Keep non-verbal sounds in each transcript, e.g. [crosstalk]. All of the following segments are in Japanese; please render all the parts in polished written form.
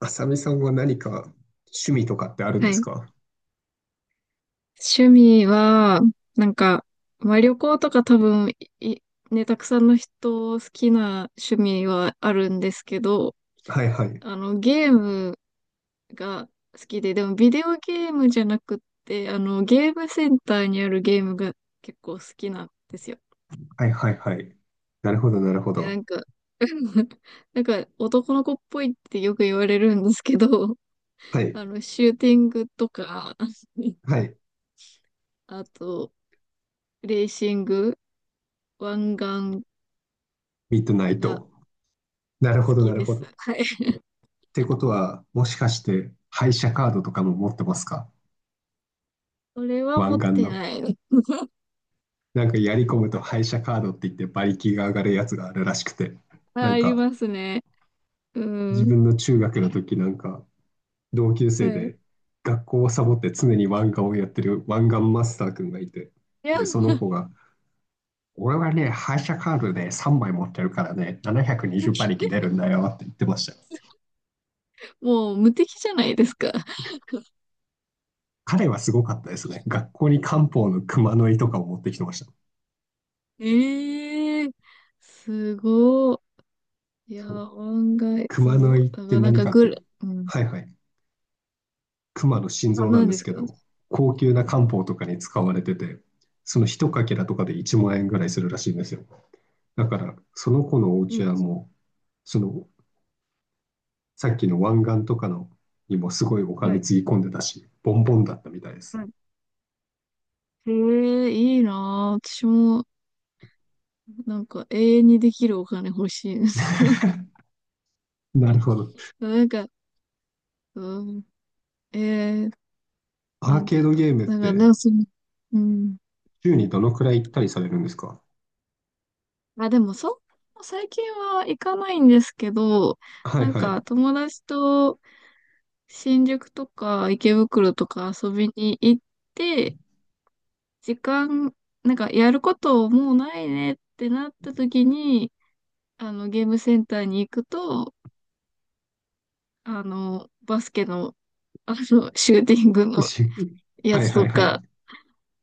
あさみさんは何か趣味とかってあるんはですい。か？趣味は、なんか、まあ、旅行とか多分、い、ね、たくさんの人好きな趣味はあるんですけど、はいはい。あの、ゲームが好きで、でもビデオゲームじゃなくって、あの、ゲームセンターにあるゲームが結構好きなんですよ。はいはいはい。なるほどなるほで、など。んか、[laughs] なんか男の子っぽいってよく言われるんですけど、はいあの、シューティングとか、はい。あと、レーシング、湾岸ミッドナイがト。なるほ好どなきるでほす。ど。っはい。てことは、もしかして廃車カードとかも持ってますか？それは持湾っ岸ての。ないの。なんかやり込むと廃車カードって言って馬力が上がるやつがあるらしくて。なあ、あんりかますね。う自ん。分の中学の時なんか同級は生い。で学校をサボって常に湾岸をやってる湾岸マスター君がいて。いや、で、その子が俺はね、廃車カードで3枚持ってるからね、720馬力 [laughs] 出るんだよって言ってましたよ。もう無敵じゃないですか。彼はすごかったですね。学校に漢方の熊の胃とかを持ってきてました。ええー、すごい。いや、そう。案外、熊そのう。胃っだかてらなん何かかっていうと、うん。はいはい。熊の心あ、臓なん何でですすけか？ど、高級な漢方とかに使われてて、その一かけらとかで1万円ぐらいするらしいんですよ。だから、その子のおう家ん。はもう、その、さっきの湾岸とかのにもすごいおは金い。つぎ込んでたし、ボンボンだったみたいです。はい。ええ、いいなぁ。私も、なんか永遠にできるお金欲しいです。[laughs] なるほど。[laughs] なんか、うん。ええ、アなーんてケー言うんドだろゲームっう。なんか、なんてかその、うん。週にどのくらい行ったりされるんですか？あ、でも最近は行かないんですけど、はいなんはか友達と新宿とか池袋とか遊びに行って、時間、なんかやることもうないねってなった時に、あのゲームセンターに行くと、あの、バスケの、あの、シューティングい。のしやはいつはといはい。か、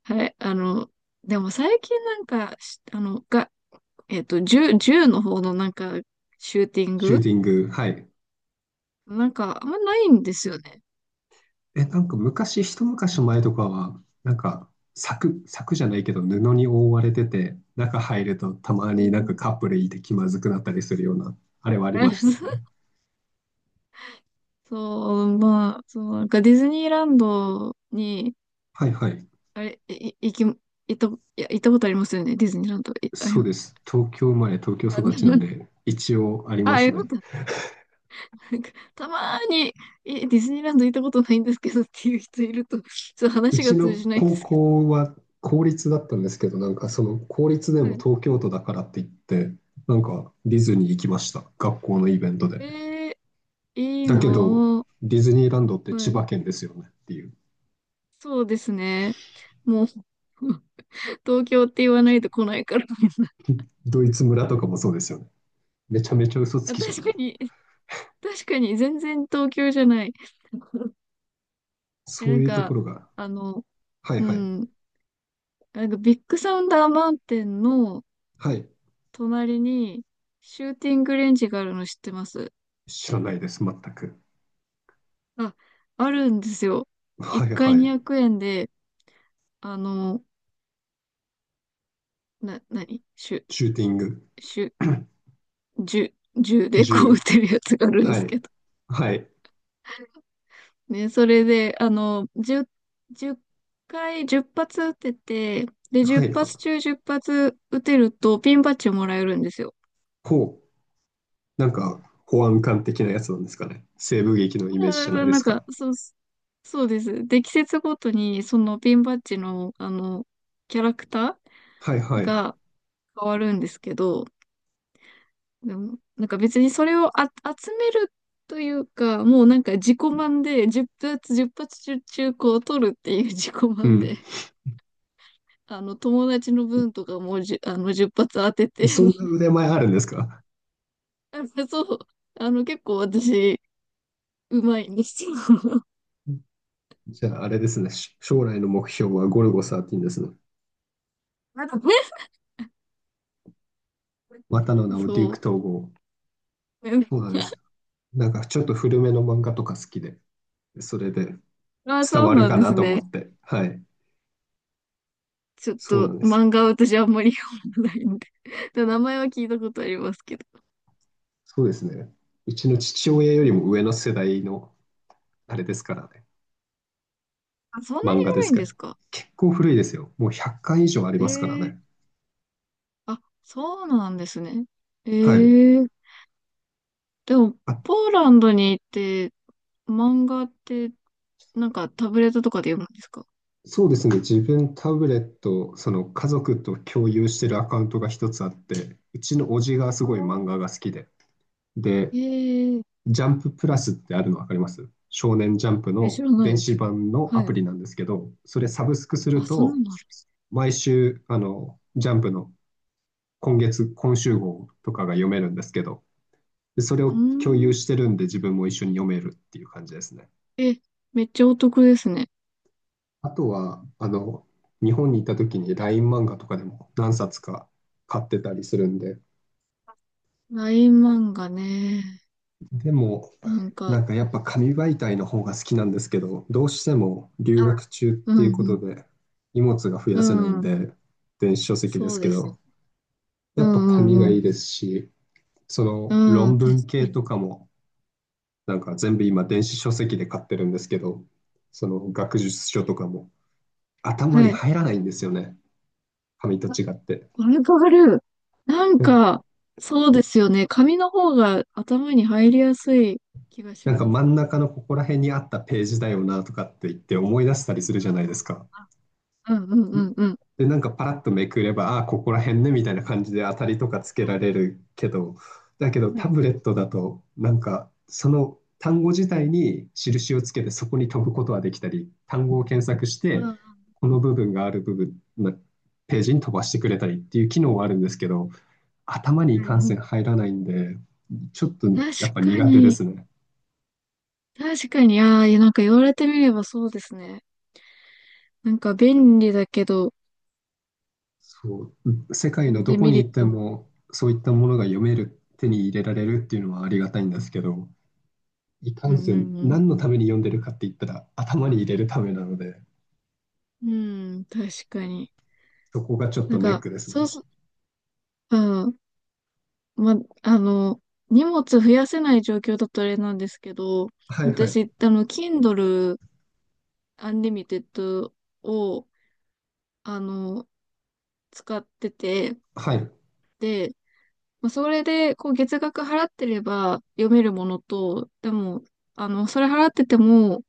はい、あの、でも最近なんか、しあの、が、えっと、銃の方のなんか、シューティンシューグティング。はい。なんか、あんまないんですよね。え、なんか昔、一昔前とかは、なんか柵、柵じゃないけど布に覆われてて、中入るとたまうになんかん。カップルいて気まずくなったりするような、あれはありましたよね。[laughs] そう、まあ、そう、なんかディズニーランドに、はいはい。あれ、った、いや、行ったことありますよね、ディズニーランド。い、あそり、うです。東京生まれ、東京あ、育ちなん [laughs] で、一応ありまあ、すよかっね。た。なんか、たまーに、ディズニーランド行ったことないんですけどっていう人いると、ちょっとう話がち通のじないんで高すけど。校は公立だったんですけど、なんかその公立ではもい。東京都だからって言って、なんかディズニー行きました、学校のイベントで。えいいだけど、の？ディズニーランドっては千い。葉県ですよねっていう。そうですね。もう、[laughs] 東京って言わないと来ないから。[laughs] ドイツ村とかもそうですよね。めちゃめちゃ嘘つあ、きじゃ確かん。に、確かに全然東京じゃない。[laughs] そなうんいうとか、ころが、あの、はいうはい、ん、なんかビッグサウンダーマウンテンのはい、隣にシューティングレンジがあるの知ってます？知らないです、全く。あ、あるんですよ。1はい回は200い、円で、あの、な、なにシュ、シューティング、シュ、[clears throat] 銃、銃 [coughs] でこう撃銃、てるやつがあるんではすけい、ど。はい、ね、それで、あの、10、回、10発撃てて、で、は10い、発中10発撃てるとピンバッジをもらえるんですよ。ほう、なんか保安官的なやつなんですかね。西部劇のイメージじゃないあ、でなすんか、か。そう、そうです。で、季節ごとに、そのピンバッジの、あの、キャラクタはいーはい。が変わるんですけど、でも、なんか別にそれを集めるというか、もうなんか自己満で、10発、1発中、中古を取るっていう [laughs] 自己う満で、ん。あの、友達の分とかもあの、10発当てて、そんな腕前あるんですか？ [laughs] あの、そう、あの、結構私、うまいんですよ。[laughs] [laughs] じゃああれですね。し将来の目標はゴルゴ13ですね。まだね、またの名をデューそク統う。合。そうなんで [laughs] す。なんかちょっと古めの漫画とか好きで、それであ、伝そうわるなんかでなすと思ね。って。はい。ちょっそうとなんです。漫画は私あんまり読まないんで [laughs] 名前は聞いたことありますけど。そうですね。うちの父親ようりん。も上の世代のあれですからね。あ、そんなに漫画で古すいんかでら。すか？結構古いですよ。もう100巻以上ありますからえね。え、あ、そうなんですね。はい。ええ、でも、ポーランドに行って、漫画って、なんかタブレットとかで読むんですか？そうですね。自分タブレット、その家族と共有してるアカウントが一つあって、うちの叔父がすごい漫あ画が好きで。で、えジャンププラスってあるの分かります？少年ジャンプええ、知のらない電で子す。版のアはい。プリなんですけど、それサブスクするあ、そんなのと、あるんです。毎週、ジャンプの今月、今週号とかが読めるんですけど、でそれうを共ー有ん。してるんで自分も一緒に読めるっていう感じですね。え、めっちゃお得ですね。あとは、日本にいた時に LINE 漫画とかでも何冊か買ってたりするんで、ライン漫画ね。でも、なんか、なんかやっぱ紙媒体の方が好きなんですけど、どうしても留学中っうていうことん、で荷物が増うやせないん、んうん。で、電子書籍でそすうけですよ。ど、うやっぱ紙んがういいんうでん。すし、そのうん、論確文か系に。とかも、なんか全部今電子書籍で買ってるんですけど、その学術書とかも頭はにい。入らないんですよね、紙とあ、違って。わかる。なんだか、そうですよね。紙の方が頭に入りやすい気がしなんかます。真ん中のここら辺にあったページだよなとかって言って思い出したりするじゃないですか。うんうんうんうん。で、なんかパラッとめくれば、ああ、ここら辺ねみたいな感じで当たりとかつうけん、られるけど、だけどはタい。ブレットだと、なんかその単語自体に印をつけてそこに飛ぶことはできたり、単語を検索しうて、ん、はこの部分がある部分、まあページに飛ばしてくれたりっていう機能はあるんですけど、頭にい、いうかんせんん、入らないんで、ちょっと確やっぱか苦手でに。すね。確かに。ああ、いや、なんか言われてみればそうですね。なんか便利だけど、そう、世界のどデこメにリ行ッってトも。もそういったものが読める、手に入れられるっていうのはありがたいんですけど、いかうんんせんうん何のために読んでるかって言ったら頭に入れるためなので、うん。うん、確かに。そこがちょっなんとネッか、クですそうね。そう、うん、ま、あの、荷物増やせない状況だとあれなんですけど、はいはい。私、あの、Kindle Unlimited を、あの、使ってて、はい。で、まあ、それで、こう、月額払ってれば読めるものと、でも、あの、それ払ってても、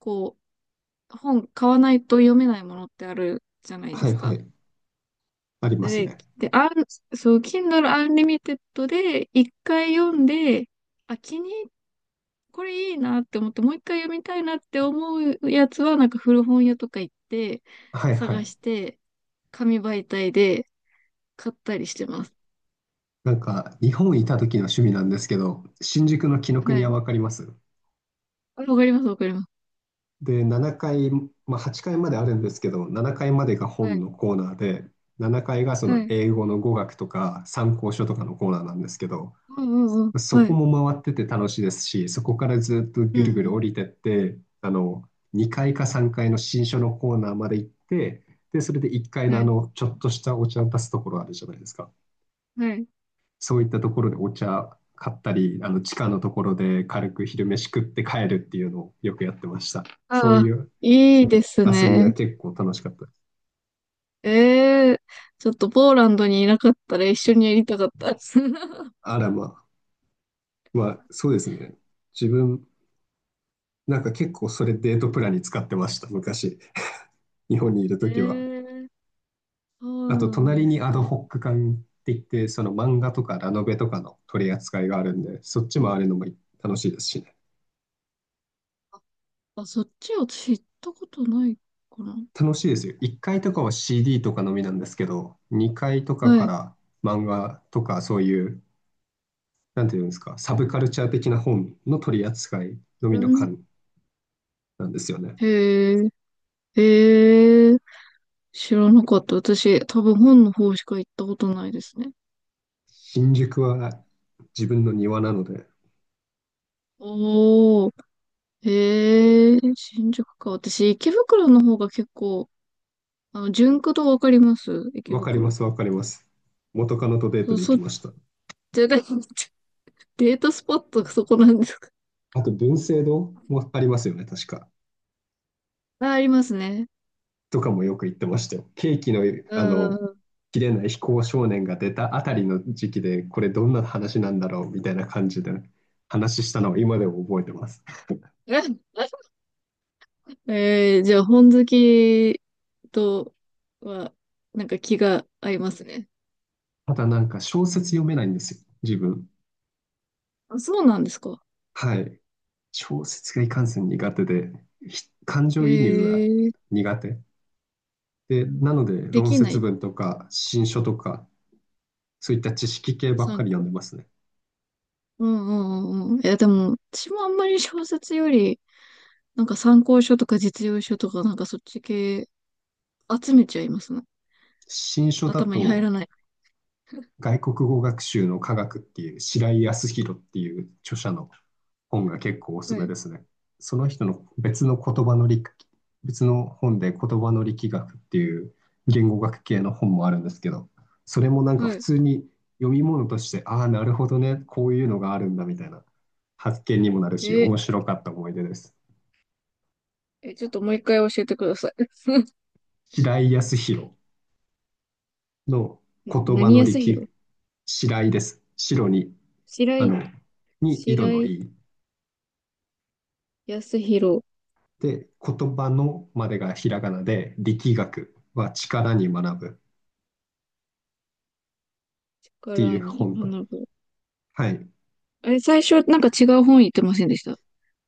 こう、本買わないと読めないものってあるじゃないではいすはか。い。ありますで、ね。で、そう、Kindle Unlimited で、一回読んで、あ、これいいなって思って、もう一回読みたいなって思うやつは、なんか古本屋とか行って、はいは探い。して、紙媒体で買ったりしてます。なんか日本いた時の趣味なんですけど、新宿の紀伊国は屋い。わかります？あ、わかります、わかります。で、7回まあ、8階まであるんですけど、7回までがは本い。のコーナーで、7回がそはのい。英語の語学とか参考書とかのコーナーなんですけど、うんうんうん。そはこい。も回ってて楽しいですし、そこからずっとうぐるぐるん降りてって、2回か3回の新書のコーナーまで行って、で、それで1回うん。のはい。ちょっとしたお茶を出すところあるじゃないですか。はい。そういったところでお茶買ったり、地下のところで軽く昼飯食って帰るっていうのをよくやってました。そうああ、いういいです遊びね。は結構楽しかった。ええ、ちょっとポーランドにいなかったら一緒にやりたかったです。[laughs] あらまあ、まあ、そうですね。自分、なんか結構それデートプランに使ってました、昔。日本にいるえときは。え、そうあと、なん隣ですにアドか？ホック館って言って、その漫画とかラノベとかの取り扱いがあるんで、そっちもあるのも楽しいですしね。あ、そっちを知ったことないかな。楽しいですよ。1階とかは CD とかのみなんですけど、2階とかはかい。ら漫画とかそういう、なんていうんですか、サブカルチャー的な本の取り扱いのうみのん。館なんですよね。へえ。ええ、知らなかった。私、多分本の方しか行ったことないですね。新宿は自分の庭なので、おー、ええ、新宿か。私、池袋の方が結構、あの、ジュンク堂わかります？池わかりま袋。す、わかります。元カノとデーそトう、で行そきっました。ちが、[laughs] デートスポットがそこなんですか？あと、文政堂もありますよね、確か。あ、ありますね。とかもよく行ってましたよ。ケーキの、うあの、ん。切れない非行少年が出たあたりの時期で、これどんな話なんだろうみたいな感じで話したのを今でも覚えてます。[laughs] ええ、じゃあ、本好きとは、なんか気が合いますね。まただなんか小説読めないんですよ、自分。あ、そうなんですか。はい。小説がいかんせん苦手で、ひ感情移入がええ、苦手。で、なので、で論きな説い。文とか、新書とか、そういった知識系ばっ参かり読考。んでますね。うんうんうんうん。いや、でも、私もあんまり小説より、なんか参考書とか実用書とか、なんかそっち系集めちゃいますね。新書だ頭に入と、らない。外国語学習の科学っていう、白井康弘っていう著者の本が結構おすすはめい。ですね。その人の別の言葉の力、別の本で言葉の力学っていう言語学系の本もあるんですけど、それもなんはか普い。通に読み物として、ああ、なるほどね、こういうのがあるんだみたいな発見にもなるし、え面白ーかった思い出です。え、ちょっともう一回教えてください。[laughs] 白井康弘のな言葉何の安力、弘白井です。白に、白あ井、の、に井戸白の井井。康弘で、言葉のまでがひらがなで、力学は力に学ぶっかていらうに本と、学ぶ。はい。あれ、最初なんか違う本言ってませんでした？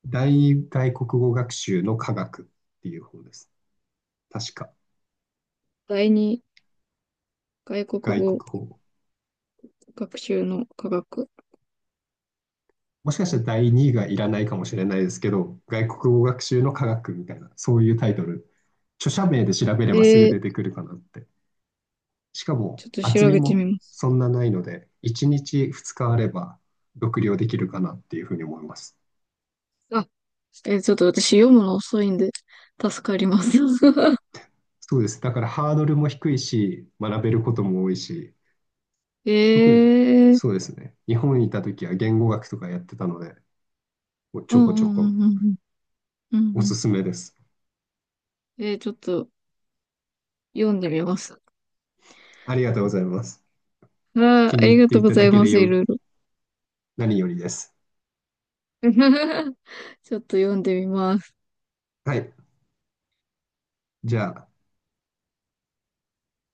大外国語学習の科学っていう本です。確か、第二外国外国語語。学習の科学。もしかしたら第2位がいらないかもしれないですけど、外国語学習の科学みたいな、そういうタイトル、著者名で調べれえばすぐー、出てくるかなって。しかちもょっと厚調みべてもみます。そんなないので、1日2日あれば読了できるかなっていうふうに思います。あ、ちょっと私読むの遅いんで、助かります。[laughs] そうです。だからハードルも低いし、学べることも多いし、え特にえ、そうですね。日本にいた時は言語学とかやってたので、もうちうょん こ [laughs] うちょこんうんうんうん。うおんうすん。すめです。ちょっと読んでみます。ありがとうございます。あー、気あにり入っがてとういごたざだいけまです、いよ、ろいろ。何よりです。[laughs] ちょっと読んでみます。はい。じゃあ。